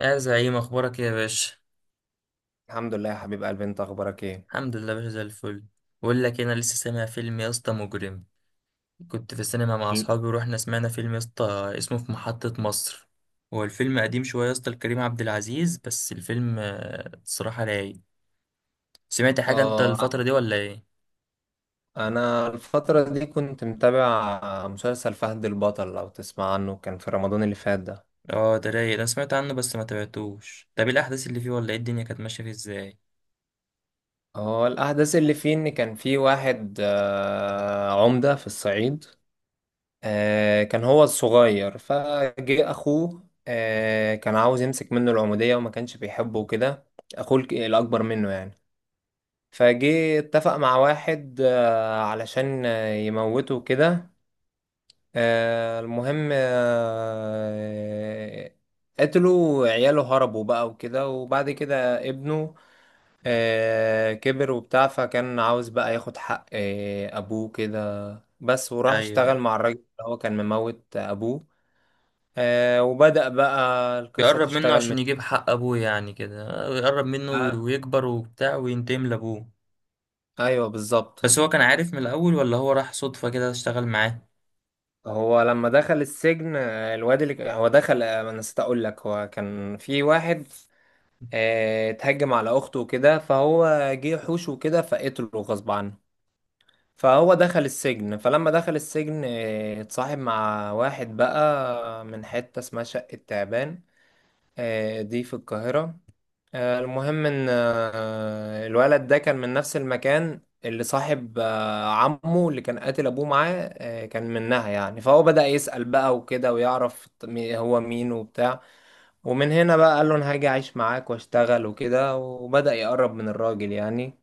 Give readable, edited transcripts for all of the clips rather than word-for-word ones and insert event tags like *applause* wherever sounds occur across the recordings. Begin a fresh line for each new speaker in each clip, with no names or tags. يا زعيم، اخبارك إيه يا باشا؟
الحمد لله يا حبيب قلبي، انت اخبارك ايه؟
الحمد لله يا باشا زي الفل. بقول لك إيه، انا لسه سامع فيلم يا اسطى مجرم. كنت في السينما مع
ال-
اصحابي ورحنا سمعنا فيلم يا اسطى اسمه في محطة مصر. هو الفيلم قديم شويه يا اسطى لكريم عبد العزيز، بس الفيلم الصراحه رايق. سمعت حاجه انت
اه
الفتره دي ولا ايه؟
انا الفترة دي كنت متابع مسلسل فهد البطل، لو تسمع عنه، كان في رمضان اللي فات ده.
اه، ده رايق. انا سمعت عنه بس ما تابعتوش. طب إيه الاحداث اللي فيه ولا ايه الدنيا كانت ماشيه فيه ازاي؟
اه، الاحداث اللي فيه ان كان في واحد عمدة في الصعيد. كان هو الصغير، فجه اخوه. كان عاوز يمسك منه العمودية وما كانش بيحبه وكده. اخوه الاكبر منه يعني. فجه اتفق مع واحد علشان يموته كده. المهم، قتلوا عياله، هربوا بقى وكده. وبعد كده ابنه كبر وبتاع، فكان عاوز بقى ياخد حق أبوه كده، بس. وراح
ايوه.
اشتغل مع الراجل اللي هو كان مموت أبوه. وبدأ بقى القصة
بيقرب منه
تشتغل من
عشان يجيب حق ابوه يعني كده، يقرب منه
آه
ويكبر وبتاع وينتقم لابوه.
أيوه بالظبط.
بس هو كان عارف من الأول ولا هو راح صدفة كده اشتغل معاه؟
لما دخل السجن، الواد اللي ك- هو دخل. انا نسيت اقول لك، هو كان في واحد اتهجم على اخته وكده، فهو جه حوش وكده فقتله غصب عنه. فهو دخل السجن. فلما دخل السجن اتصاحب مع واحد بقى من حتة اسمها شقة تعبان. دي في القاهرة. المهم ان الولد ده كان من نفس المكان اللي صاحب عمه اللي كان قاتل ابوه معاه، كان منها يعني. فهو بدأ يسأل بقى وكده ويعرف هو مين وبتاع. ومن هنا بقى قال له انا هاجي اعيش معاك واشتغل وكده، وبدأ يقرب من الراجل يعني.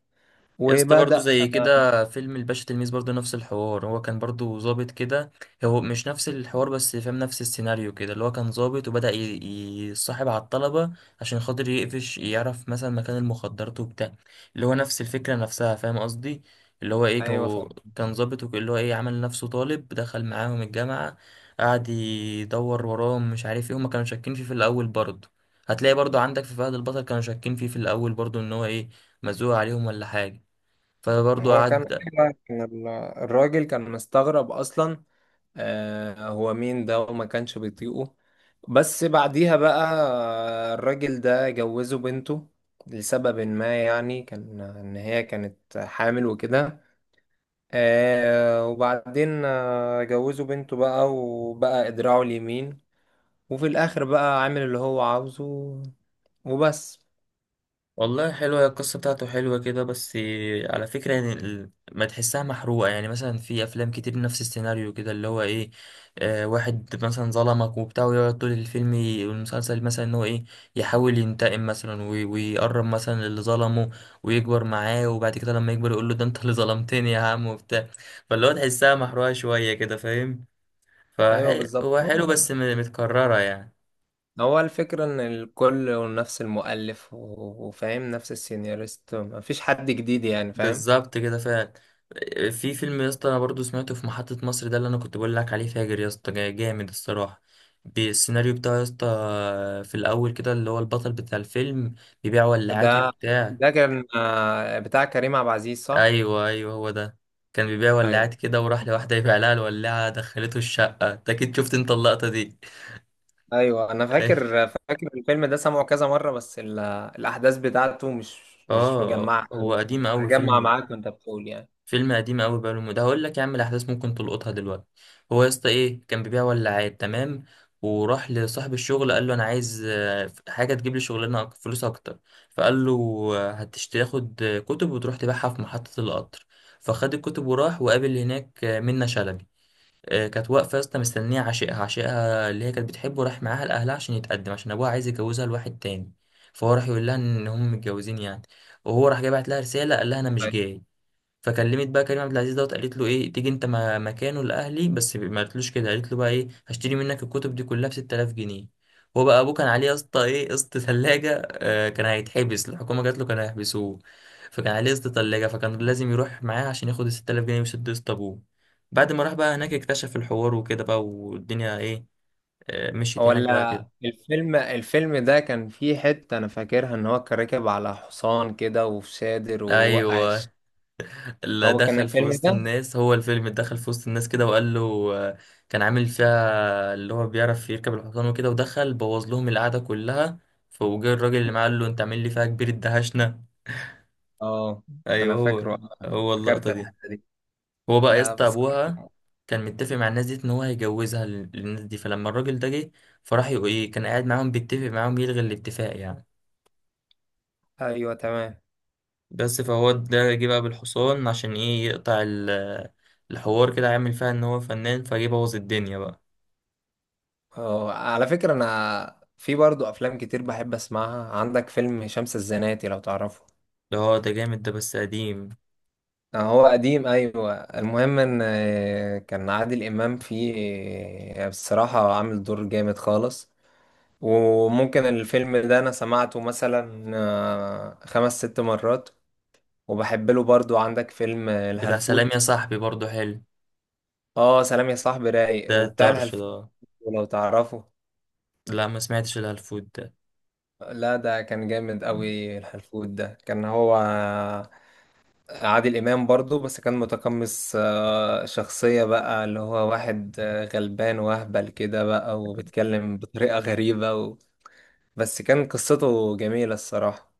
يا اسطى برضه
وبدأ.
زي كده فيلم الباشا تلميذ برضه نفس الحوار، هو كان برضه ظابط كده. هو مش نفس الحوار بس فاهم نفس السيناريو كده، اللي هو كان ظابط وبدأ يصاحب على الطلبة عشان خاطر يقفش، يعرف مثلا مكان المخدرات وبتاع. اللي هو نفس الفكرة نفسها، فاهم قصدي؟ اللي هو ايه
ايوه
كان
فاهم.
كان ظابط اللي هو ايه عمل نفسه طالب دخل معاهم الجامعة. قعد يدور وراهم، مش عارف ايه، هما كانوا شاكين فيه في الأول برضه. هتلاقي برضه عندك في فهد البطل كانوا شاكين فيه في الأول برضه، ان هو ايه مزوق عليهم ولا حاجة. فبرضه
هو كان
قعد.
أيوة، كان الراجل كان مستغرب اصلا. آه، هو مين ده؟ وما كانش بيطيقه. بس بعديها بقى الراجل ده جوزه بنته لسبب ما، يعني كان ان هي كانت حامل وكده. وبعدين جوزه بنته بقى وبقى ادراعه اليمين. وفي الاخر بقى عامل اللي هو عاوزه، وبس.
والله حلوة، هي القصة بتاعته حلوة كده بس. على فكرة، يعني ما تحسها محروقة، يعني مثلا في أفلام كتير نفس السيناريو كده اللي هو إيه، واحد مثلا ظلمك وبتاع ويقعد طول الفيلم والمسلسل مثلا إن هو إيه، يحاول ينتقم مثلا ويقرب مثلا اللي ظلمه، ويكبر معاه وبعد كده لما يكبر يقول له ده أنت اللي ظلمتني يا عم وبتاع. فاللي هو تحسها محروقة شوية كده، فاهم؟
ايوه بالظبط.
فهو
هو
حلو بس متكررة يعني.
هو الفكرة ان الكل نفس المؤلف، وفاهم نفس السيناريست، مفيش حد جديد، يعني فاهم؟
بالظبط كده فعلا. في فيلم يا اسطى انا برضو سمعته في محطة مصر، ده اللي انا كنت بقول لك عليه، فاجر يا اسطى، جامد الصراحة بالسيناريو بتاعه يا اسطى. في الاول كده اللي هو البطل بتاع الفيلم بيبيع ولاعات
ده
وبتاع.
ده كان بتاع كريم عبد العزيز، صح؟
ايوه، ايوه، هو ده. كان بيبيع
ايوه
ولاعات كده وراح لواحدة يبيع لها الولاعة، دخلته الشقة. انت اكيد شفت انت اللقطة دي.
ايوه، انا
*laughs*
فاكر فاكر الفيلم ده، سمعه كذا مرة، بس الاحداث بتاعته مش
اه،
مجمعة.
هو قديم قوي
هجمع
فيلم.
معاك وانت بتقول يعني.
فيلم قديم قوي بقاله مده، هقول لك يا عم الاحداث ممكن تلقطها دلوقتي. هو يا اسطى ايه، كان بيبيع ولاعات، تمام. وراح لصاحب الشغل قال له انا عايز حاجه تجيب لي شغلانه فلوس اكتر. فقال له تاخد كتب وتروح تبيعها في محطه القطر. فخد الكتب وراح وقابل هناك منة شلبي. كانت واقفه يا اسطى مستنيه عشيقها، عشيقها اللي هي كانت بتحبه، راح معاها لاهلها عشان يتقدم، عشان ابوها عايز يجوزها لواحد تاني. فهو راح يقول لها ان هم متجوزين يعني. وهو راح جاي بعت لها رساله قال لها انا مش جاي. فكلمت بقى كريم عبد العزيز دوت، قالت له ايه تيجي انت مكانه لاهلي، بس ما قالتلوش كده، قالت له بقى ايه هشتري منك الكتب دي كلها ب 6000 جنيه. هو بقى ابوه كان عليه يا اسطى ايه قسط ثلاجه، كان هيتحبس، الحكومه جات له كان هيحبسوه. فكان عليه قسط ثلاجه، فكان لازم يروح معاه عشان ياخد ال 6000 جنيه ويسد قسط ابوه. بعد ما راح بقى هناك اكتشف الحوار وكده بقى والدنيا ايه. مشيت
هو
هناك بقى كده.
الفيلم ده كان فيه حتة أنا فاكرها، إن هو كان راكب على حصان كده وفي شادر، ووقع
ايوه. اللي
هو كان
دخل في
الفيلم
وسط
ده؟
الناس هو الفيلم، اللي دخل في وسط الناس كده وقال له آه، كان عامل فيها اللي هو بيعرف يركب الحصان وكده، ودخل بوظ لهم القعدة كلها. فوجئ الراجل اللي معاه قال له انت عامل لي فيها كبير، الدهشنا.
اه أنا
ايوه هو.
فاكره،
هو
فكرت
اللقطة دي.
الحتة دي.
هو بقى يا
لا
اسطى
بصراحة.
ابوها كان متفق مع الناس دي ان هو هيجوزها للناس دي، فلما الراجل ده جه، فراح ايه كان قاعد معاهم بيتفق معاهم يلغي الاتفاق يعني.
أيوه تمام.
بس فهو ده جه بقى بالحصان عشان ايه يقطع الحوار كده، عامل فيها ان هو فنان، فجه بوظ الدنيا بقى.
اه على فكرة، أنا في برضو أفلام كتير بحب أسمعها. عندك فيلم شمس الزناتي، لو تعرفه.
اه ده جامد ده، بس قديم.
هو قديم، أيوه. المهم إن كان عادل إمام فيه. بصراحة عامل دور جامد خالص. وممكن الفيلم ده انا سمعته مثلا خمس ست مرات. وبحب له برضو. عندك فيلم
بتاع سلام يا
الهلفوت.
صاحبي برضه حلو.
اه، سلام يا صاحبي
ده
رايق، وبتاع
الطرش
الهلفوت
ده.
لو تعرفه.
لا، ما سمعتش الهلفوت ده.
لا، ده كان جامد قوي الهلفوت ده، كان هو عادل امام برضو، بس كان متقمص شخصية بقى اللي هو واحد غلبان واهبل كده بقى، وبيتكلم بطريقة غريبة و... بس كان قصته جميلة الصراحة.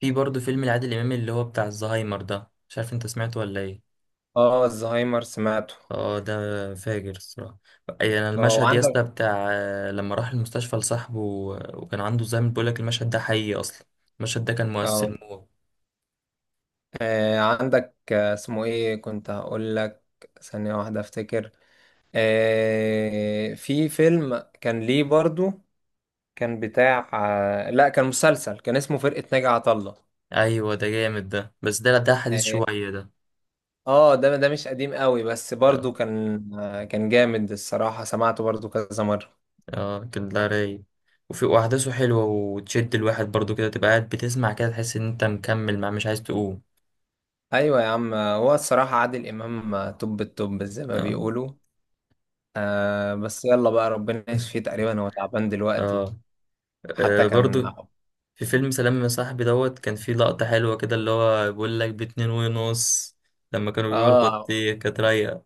في برضه فيلم لعادل إمام اللي هو بتاع الزهايمر ده، مش عارف انت سمعته ولا ايه.
اه الزهايمر سمعته.
اه، ده فاجر الصراحة. اي انا
اه
المشهد يا
وعندك.
اسطى بتاع لما راح المستشفى لصاحبه وكان عنده زهايمر، بيقول لك المشهد ده حقيقي اصلا. المشهد ده كان
اه
مؤثر موت.
عندك اسمه ايه كنت هقول لك؟ ثانية واحدة افتكر. في فيلم كان ليه برضو، كان بتاع لا كان مسلسل، كان اسمه فرقة ناجي عطا الله.
ايوه، ده جامد ده، بس ده حديث
اه.
شوية ده.
ده ده مش قديم قوي، بس برضو كان كان جامد الصراحة، سمعته برضو كذا مرة.
اه، كان ده رايق. وفي واحداثه حلوة وتشد الواحد برضو كده، تبقى قاعد بتسمع كده تحس ان انت مكمل مع مش عايز تقوم.
ايوه يا عم. هو الصراحة عادل امام توب التوب، زي ما
اه.
بيقولوا. آه بس يلا بقى، ربنا يشفيه، تقريبا هو تعبان دلوقتي.
اه.
حتى
آه،
كان.
برضو. في فيلم سلام يا صاحبي دوت كان في لقطة حلوة كده اللي هو بيقول لك باتنين ونص لما كانوا بيبيعوا
اه،
البطيخ، كانت رايقة.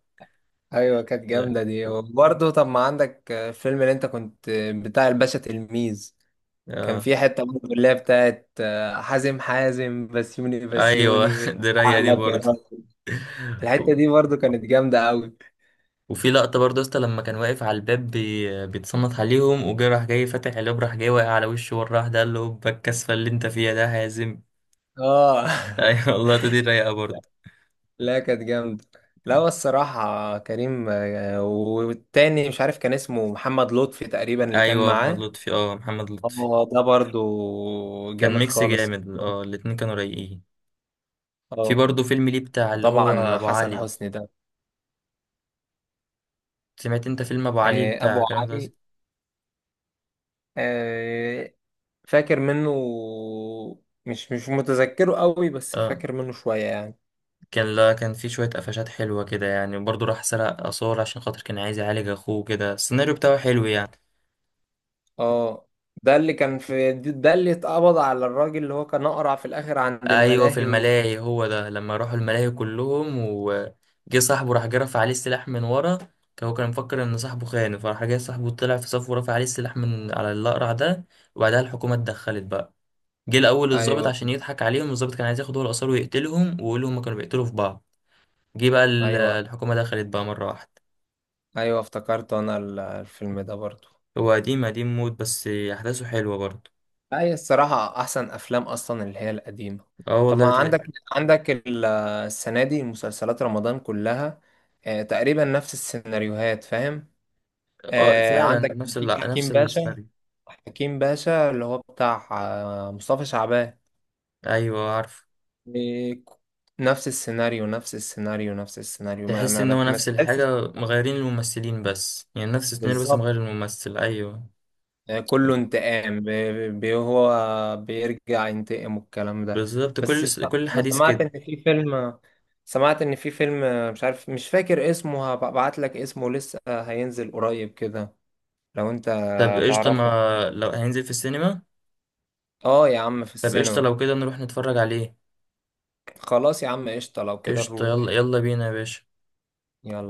ايوه كانت جامده دي. وبرضه طب ما عندك الفيلم اللي انت كنت، بتاع الباشا تلميذ. كان
اه.
في حته برضه اللي هي بتاعت حازم بسيوني
ايوه.
بسيوني
*laughs* دي رايقة دي
عقلك يا
برضو.
راجل. الحته دي برضه كانت جامده قوي.
وفي لقطة برضه يا اسطى لما كان واقف على الباب بيتصنت عليهم وجه، راح جاي فاتح الباب، راح جاي واقع على وشه مرة واحدة قال له "هوبا الكسفة اللي انت فيها ده هازم".
اه.
ايوه. *laughs* والله دي رايقه برضه.
*laughs* لا كانت جامده. لا، هو الصراحه كريم، والتاني مش عارف كان اسمه محمد لطفي تقريبا، اللي كان
ايوه محمد
معاه.
لطفي، اه محمد لطفي.
اه ده برضه
كان
جامد
ميكس
خالص.
جامد، اه الاتنين كانوا رايقين. في
اه.
برضه فيلم ليه بتاع اللي هو
وطبعا
ابو
حسن
علي.
حسني ده.
سمعت انت فيلم ابو علي بتاع
ابو
كلام ده؟
علي، آه، فاكر منه، مش متذكره قوي، بس
اه،
فاكر منه شوية يعني.
لا، كان في شويه قفشات حلوه كده يعني، وبرضه راح سرق اثار عشان خاطر كان عايز يعالج اخوه كده، السيناريو بتاعه حلو يعني.
اه ده اللي كان في، ده اللي اتقبض على الراجل اللي هو كان اقرع في الاخر عند
ايوه، في
الملاهي و...
الملاهي هو ده، لما راحوا الملاهي كلهم وجه صاحبه راح جرف عليه السلاح من ورا. هو كان مفكر ان صاحبه خانه، فراح جاي صاحبه طلع في صف ورفع عليه السلاح من على الاقرع ده. وبعدها الحكومه اتدخلت بقى. جه الاول الضابط
ايوه
عشان يضحك عليهم، الضابط كان عايز ياخد هو الاثار ويقتلهم ويقول لهم كانوا بيقتلوا في بعض. جه بقى
ايوه.
الحكومه دخلت بقى مره واحده.
ايوه افتكرت انا الفيلم ده برضو.
هو قديم، قديم موت، بس احداثه حلوه برضه.
لا، هي الصراحة احسن افلام اصلا اللي هي القديمة.
اه والله
طبعا
بتلاقي.
عندك، عندك السنة دي مسلسلات رمضان كلها تقريبا نفس السيناريوهات، فاهم؟
اه
آه
فعلا
عندك
نفس
في حكيم
نفس
باشا.
السيناريو.
حكيم باشا اللي هو بتاع مصطفى شعبان.
ايوه عارف.
إيه، نفس السيناريو نفس السيناريو نفس السيناريو، ما
تحس
ما
ان
ما
هو
ما
نفس
تحسش؟
الحاجة، مغيرين الممثلين بس يعني، نفس السيناريو بس
بالظبط.
مغير الممثل، ايوه.
كله انتقام، هو بيرجع ينتقم والكلام ده.
بالظبط،
بس س-
كل
انا
حديث
سمعت
كده.
ان في فيلم، سمعت ان في فيلم مش عارف، مش فاكر اسمه، هبعت لك اسمه، لسه هينزل قريب كده، لو انت
طب قشطة،
تعرفه.
ما لو هينزل في السينما.
اه يا عم في
طب قشطة،
السينما.
لو كده نروح نتفرج عليه.
خلاص يا عم، قشطة لو كده
قشطة، يلا
نروح.
يلا بينا يا باشا.
يلا.